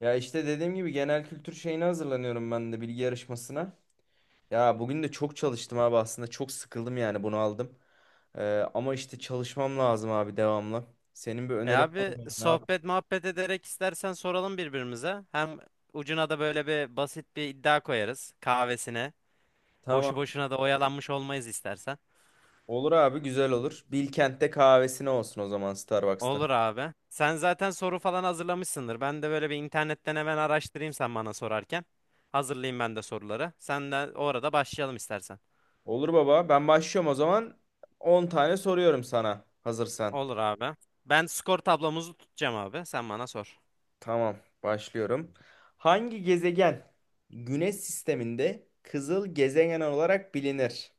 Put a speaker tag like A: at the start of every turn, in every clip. A: Ya işte dediğim gibi genel kültür şeyine hazırlanıyorum ben de bilgi yarışmasına. Ya bugün de çok çalıştım abi, aslında çok sıkıldım yani bunu aldım. Ama işte çalışmam lazım abi, devamlı. Senin bir
B: E
A: önerin var
B: abi
A: mı? Ne yap?
B: sohbet muhabbet ederek istersen soralım birbirimize. Hem ucuna da böyle bir basit bir iddia koyarız kahvesine. Boşu
A: Tamam.
B: boşuna da oyalanmış olmayız istersen.
A: Olur abi, güzel olur. Bilkent'te kahvesine olsun o zaman, Starbucks'ta.
B: Olur abi. Sen zaten soru falan hazırlamışsındır. Ben de böyle bir internetten hemen araştırayım sen bana sorarken. Hazırlayayım ben de soruları. Sen de orada başlayalım istersen.
A: Olur baba, ben başlıyorum o zaman. On tane soruyorum sana, hazırsan.
B: Olur abi. Ben skor tablomuzu tutacağım abi. Sen bana sor.
A: Tamam, başlıyorum. Hangi gezegen Güneş sisteminde kızıl gezegen olarak bilinir?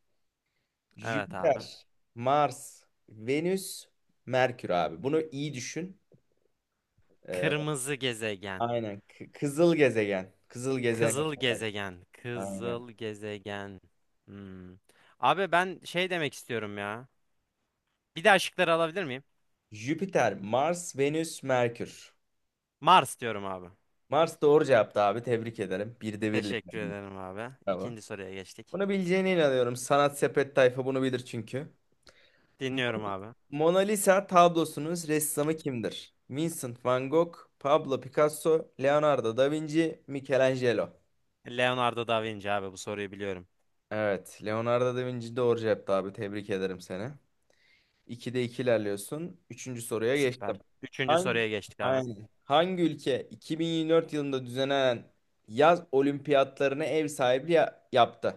B: Evet abi.
A: Jüpiter, Mars, Venüs, Merkür abi. Bunu iyi düşün. Ee,
B: Kırmızı gezegen.
A: aynen. Kızıl gezegen. Kızıl gezegen
B: Kızıl
A: olarak.
B: gezegen.
A: Aynen.
B: Kızıl gezegen. Hmm. Abi ben şey demek istiyorum ya. Bir daha şıkları alabilir miyim?
A: Jüpiter, Mars, Venüs, Merkür.
B: Mars diyorum abi.
A: Mars doğru cevaptı abi. Tebrik ederim. Bir de birlik
B: Teşekkür
A: bende.
B: ederim abi.
A: Bravo.
B: İkinci soruya geçtik.
A: Bunu bileceğine inanıyorum. Sanat sepet tayfa bunu bilir çünkü. Mo-
B: Dinliyorum abi.
A: Mona Lisa tablosunun ressamı kimdir? Vincent van Gogh, Pablo Picasso, Leonardo da Vinci, Michelangelo.
B: Leonardo da Vinci abi bu soruyu biliyorum.
A: Evet. Leonardo da Vinci doğru cevaptı abi. Tebrik ederim seni. 2'de 2 ilerliyorsun. Üçüncü soruya
B: Süper.
A: geçtim.
B: Üçüncü
A: Hangi,
B: soruya geçtik abi.
A: aynen. Hangi ülke 2024 yılında düzenlenen yaz olimpiyatlarına ev sahipliği yaptı?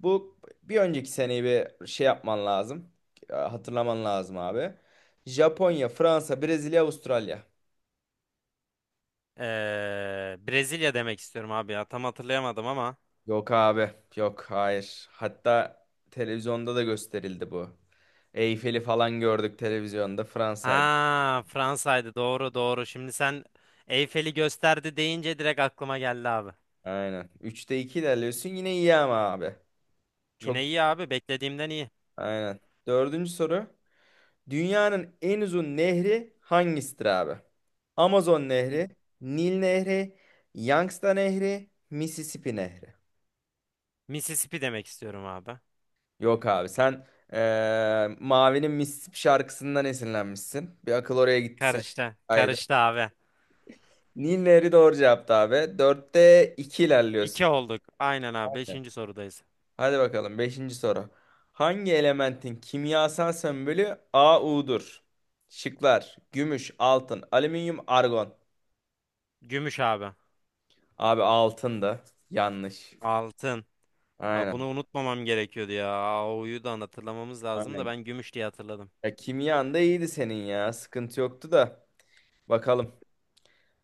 A: Bu bir önceki seneyi bir şey yapman lazım. Hatırlaman lazım abi. Japonya, Fransa, Brezilya, Avustralya.
B: Brezilya demek istiyorum abi ya. Tam hatırlayamadım ama.
A: Yok abi. Yok hayır. Hatta televizyonda da gösterildi bu. Eyfel'i falan gördük televizyonda. Fransa'ydı.
B: Ha Fransa'ydı doğru doğru. Şimdi sen Eyfel'i gösterdi deyince direkt aklıma geldi abi.
A: Aynen. Üçte 2 ilerliyorsun. Yine iyi ama abi. Çok
B: Yine iyi
A: iyi.
B: abi beklediğimden iyi.
A: Aynen. Dördüncü soru. Dünyanın en uzun nehri hangisidir abi? Amazon Nehri, Nil Nehri, Yangtze Nehri, Mississippi Nehri.
B: Mississippi demek istiyorum abi.
A: Yok abi, sen Mavi'nin Mississippi şarkısından esinlenmişsin. Bir akıl oraya gitti senin.
B: Karıştı.
A: Haydi.
B: Karıştı abi.
A: Nil Nehri doğru cevaptı abi. Dörtte 2 ilerliyorsun.
B: İki olduk. Aynen abi. Beşinci sorudayız.
A: Hadi bakalım, beşinci soru. Hangi elementin kimyasal sembolü AU'dur? Şıklar: gümüş, altın, alüminyum, argon.
B: Gümüş abi.
A: Abi altın yanlış.
B: Altın. Aa,
A: Aynen,
B: bunu unutmamam gerekiyordu ya. O'yu da hatırlamamız lazım da
A: aynen.
B: ben gümüş diye hatırladım.
A: Ya kimyan da iyiydi senin ya. Sıkıntı yoktu da. Bakalım.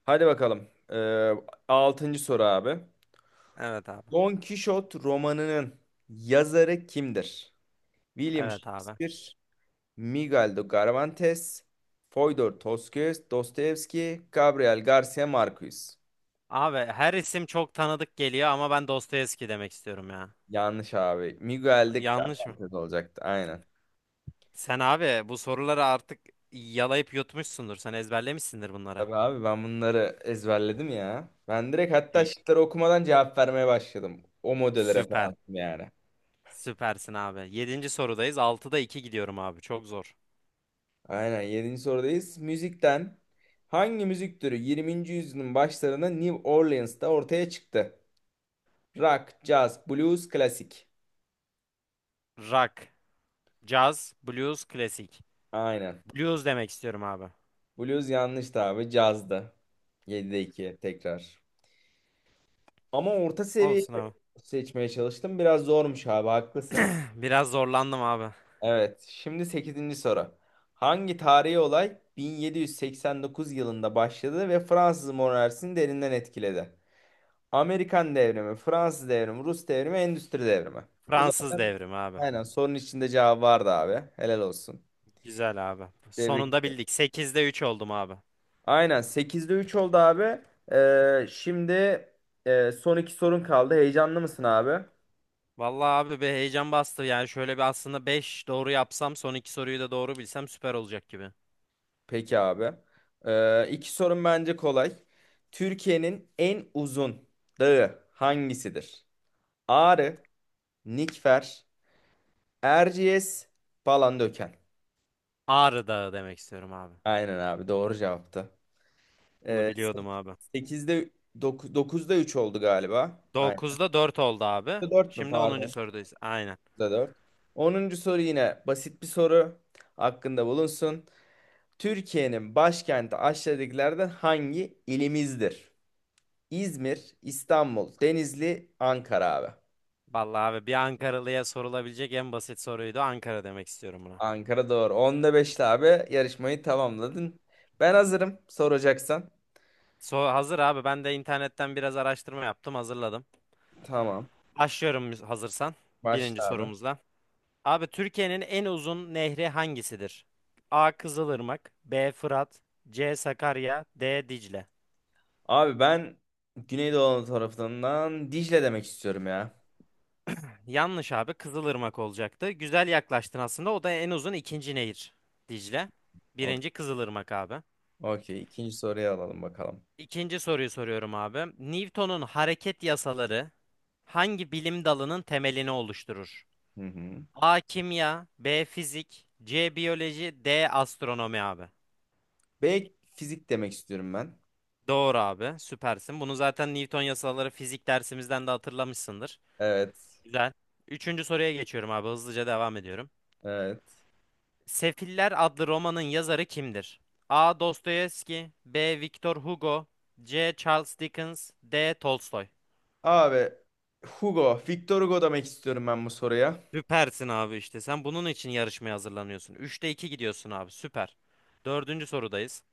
A: Hadi bakalım. 6. soru abi.
B: Evet abi.
A: Don Kişot romanının yazarı kimdir? William
B: Evet abi.
A: Shakespeare, Miguel de Cervantes, Fyodor Dostoyevski, Dostoyevski, Gabriel Garcia Marquez.
B: Abi her isim çok tanıdık geliyor ama ben Dostoyevski demek istiyorum ya.
A: Yanlış abi. Miguel de
B: Yanlış mı?
A: Cervantes olacaktı. Aynen.
B: Sen abi bu soruları artık yalayıp yutmuşsundur. Sen ezberlemişsindir bunları.
A: Tabii abi, ben bunları ezberledim ya. Ben direkt hatta
B: İyi.
A: şıkları okumadan cevap vermeye başladım. O modele
B: Süper.
A: referansım yani.
B: Süpersin abi. Yedinci sorudayız. Altıda iki gidiyorum abi. Çok zor.
A: Aynen, 7. sorudayız. Müzikten hangi müzik türü 20. yüzyılın başlarında New Orleans'ta ortaya çıktı? Rock, jazz, blues, klasik.
B: Rock, caz, blues, klasik.
A: Aynen.
B: Blues demek istiyorum abi.
A: Blues yanlıştı abi. Cazdı. 7'de 2 tekrar. Ama orta seviye
B: Olsun abi.
A: seçmeye çalıştım. Biraz zormuş abi, haklısın.
B: Biraz zorlandım abi.
A: Evet, şimdi sekizinci soru. Hangi tarihi olay 1789 yılında başladı ve Fransız monarşisini derinden etkiledi? Amerikan devrimi, Fransız devrimi, Rus devrimi, Endüstri devrimi. Bu
B: Fransız
A: zaten
B: devrimi abi.
A: aynen sorunun içinde cevap vardı abi. Helal olsun.
B: Güzel abi.
A: Tebrik.
B: Sonunda bildik. Sekizde üç oldum abi.
A: Aynen, sekizde 3 oldu abi. Şimdi son iki sorun kaldı. Heyecanlı mısın abi?
B: Vallahi abi bir heyecan bastı. Yani şöyle bir aslında 5 doğru yapsam son iki soruyu da doğru bilsem süper olacak gibi.
A: Peki abi. İki sorun bence kolay. Türkiye'nin en uzun dağı hangisidir? Ağrı, Nikfer, Erciyes, Palandöken.
B: Ağrı Dağı demek istiyorum abi.
A: Aynen abi, doğru cevaptı.
B: Bunu
A: Ee,
B: biliyordum abi.
A: 8'de, dokuzda 3 oldu galiba. Aynen.
B: Dokuzda 4 oldu abi.
A: 4 mü
B: Şimdi onuncu
A: pardon?
B: sorudayız. Aynen.
A: Dört. Onuncu soru yine basit bir soru, hakkında bulunsun. Türkiye'nin başkenti aşağıdakilerden hangi ilimizdir? İzmir, İstanbul, Denizli, Ankara abi.
B: Vallahi abi bir Ankaralıya sorulabilecek en basit soruydu. Ankara demek istiyorum buna.
A: Ankara doğru. Onda beşte abi yarışmayı tamamladın. Ben hazırım soracaksan.
B: So hazır abi ben de internetten biraz araştırma yaptım hazırladım.
A: Tamam.
B: Başlıyorum hazırsan birinci
A: Başla abi.
B: sorumuzla. Abi Türkiye'nin en uzun nehri hangisidir? A. Kızılırmak B. Fırat C. Sakarya D. Dicle.
A: Abi, ben Güneydoğu Anadolu tarafından Dicle demek istiyorum ya.
B: Yanlış abi Kızılırmak olacaktı. Güzel yaklaştın aslında o da en uzun ikinci nehir Dicle.
A: O-
B: Birinci Kızılırmak abi.
A: Okey. İkinci soruyu alalım bakalım.
B: İkinci soruyu soruyorum abi. Newton'un hareket yasaları hangi bilim dalının temelini oluşturur?
A: Hı hı.
B: A kimya, B fizik, C biyoloji, D astronomi abi.
A: Belki fizik demek istiyorum ben.
B: Doğru abi, süpersin. Bunu zaten Newton yasaları fizik dersimizden de hatırlamışsındır.
A: Evet.
B: Güzel. Üçüncü soruya geçiyorum abi, hızlıca devam ediyorum.
A: Evet.
B: Sefiller adlı romanın yazarı kimdir? A. Dostoyevski, B. Victor Hugo, C. Charles Dickens, D. Tolstoy.
A: Abi Victor Hugo demek istiyorum ben bu soruya.
B: Süpersin abi işte. Sen bunun için yarışmaya hazırlanıyorsun. Üçte 2 gidiyorsun abi. Süper. Dördüncü sorudayız.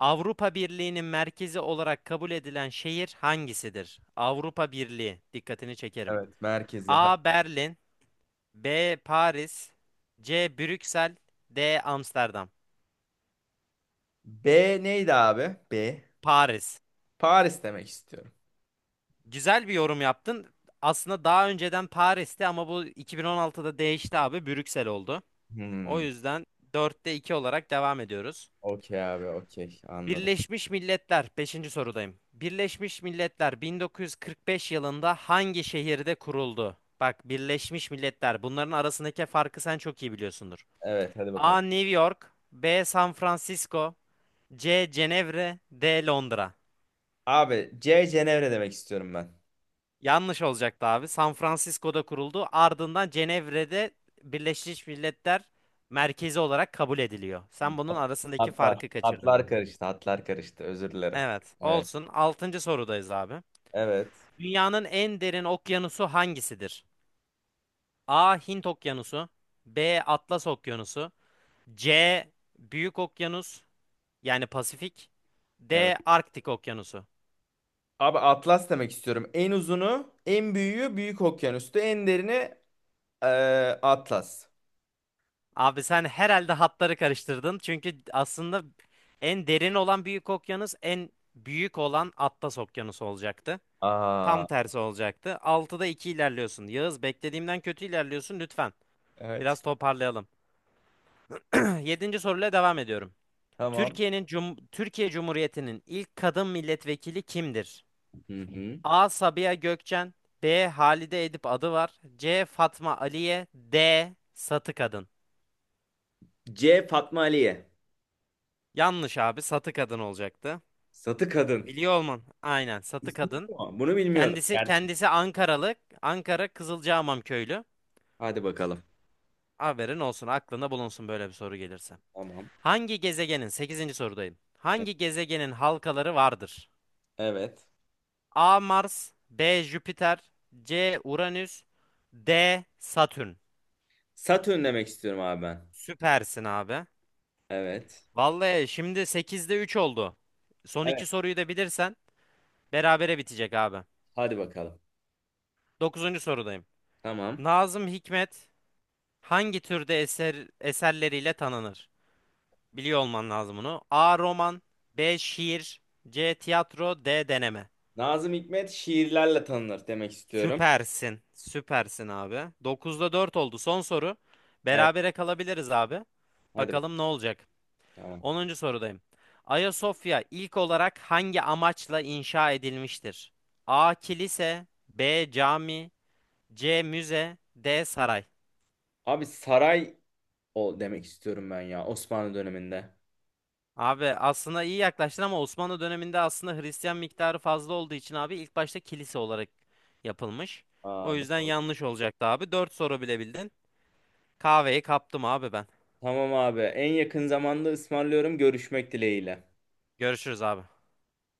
B: Avrupa Birliği'nin merkezi olarak kabul edilen şehir hangisidir? Avrupa Birliği. Dikkatini çekerim.
A: Evet, merkezi.
B: A. Berlin, B. Paris, C. Brüksel, D. Amsterdam.
A: B neydi abi? B.
B: Paris.
A: Paris demek istiyorum.
B: Güzel bir yorum yaptın. Aslında daha önceden Paris'ti ama bu 2016'da değişti abi. Brüksel oldu. O
A: Hmm.
B: yüzden dörtte 2 olarak devam ediyoruz.
A: Okey abi, okey. Anladım.
B: Birleşmiş Milletler, beşinci sorudayım. Birleşmiş Milletler 1945 yılında hangi şehirde kuruldu? Bak Birleşmiş Milletler bunların arasındaki farkı sen çok iyi biliyorsundur.
A: Evet, hadi bakalım.
B: A. New York, B. San Francisco, C. Cenevre, D. Londra.
A: Abi, C Cenevre demek istiyorum ben.
B: Yanlış olacaktı abi. San Francisco'da kuruldu. Ardından Cenevre'de Birleşmiş Milletler merkezi olarak kabul ediliyor. Sen bunun
A: Hat-
B: arasındaki farkı kaçırdın
A: Hatlar
B: abi.
A: karıştı, hatlar karıştı. Özür dilerim.
B: Evet,
A: Evet.
B: olsun. Altıncı sorudayız abi.
A: Evet.
B: Dünyanın en derin okyanusu hangisidir? A. Hint Okyanusu B. Atlas Okyanusu C. Büyük Okyanus yani Pasifik
A: Evet.
B: D. Arktik Okyanusu.
A: Abi Atlas demek istiyorum. En uzunu, en büyüğü Büyük Okyanus'tu. En derini, e, Atlas.
B: Abi sen herhalde hatları karıştırdın. Çünkü aslında en derin olan Büyük Okyanus en büyük olan Atlas Okyanusu olacaktı.
A: Aa.
B: Tam tersi olacaktı. Altıda 2 ilerliyorsun. Yağız beklediğimden kötü ilerliyorsun lütfen.
A: Evet.
B: Biraz toparlayalım. Yedinci soruyla devam ediyorum.
A: Tamam.
B: Türkiye Cumhuriyeti'nin ilk kadın milletvekili kimdir?
A: Hı hı.
B: A. Sabiha Gökçen, B. Halide Edip Adıvar, C. Fatma Aliye, D. Satı Kadın.
A: C Fatma Aliye.
B: Yanlış abi, Satı Kadın olacaktı.
A: Satı kadın.
B: Biliyor olman. Aynen, Satı
A: İsmi
B: Kadın.
A: bu. Bunu bilmiyordum.
B: Kendisi
A: Gerçekten.
B: kendisi Ankaralı, Ankara Kızılcahamam köylü.
A: Hadi bakalım.
B: Haberin olsun, aklında bulunsun böyle bir soru gelirse.
A: Tamam.
B: Hangi gezegenin sekizinci sorudayım. Hangi gezegenin halkaları vardır?
A: Evet.
B: A. Mars B. Jüpiter C. Uranüs D. Satürn.
A: Satürn demek istiyorum abi ben.
B: Süpersin abi.
A: Evet.
B: Vallahi şimdi sekizde 3 oldu. Son
A: Evet.
B: iki soruyu da bilirsen berabere bitecek abi.
A: Hadi bakalım.
B: Dokuzuncu sorudayım.
A: Tamam.
B: Nazım Hikmet hangi türde eserleriyle tanınır? Biliyor olman lazım bunu. A. Roman B. Şiir C. Tiyatro D. Deneme.
A: Nazım Hikmet şiirlerle tanınır demek istiyorum.
B: Süpersin. Süpersin abi. Dokuzda 4 oldu. Son soru.
A: Evet.
B: Berabere kalabiliriz abi.
A: Hadi bakalım.
B: Bakalım ne olacak.
A: Tamam.
B: Onuncu sorudayım. Ayasofya ilk olarak hangi amaçla inşa edilmiştir? A. Kilise B. Cami C. Müze D. Saray.
A: Abi, saray o demek istiyorum ben ya, Osmanlı döneminde.
B: Abi aslında iyi yaklaştın ama Osmanlı döneminde aslında Hristiyan miktarı fazla olduğu için abi ilk başta kilise olarak yapılmış. O
A: Aa,
B: yüzden
A: doğru.
B: yanlış olacaktı abi. 4 soru bile bildin. Kahveyi kaptım abi ben.
A: Tamam abi. En yakın zamanda ısmarlıyorum, görüşmek dileğiyle.
B: Görüşürüz abi.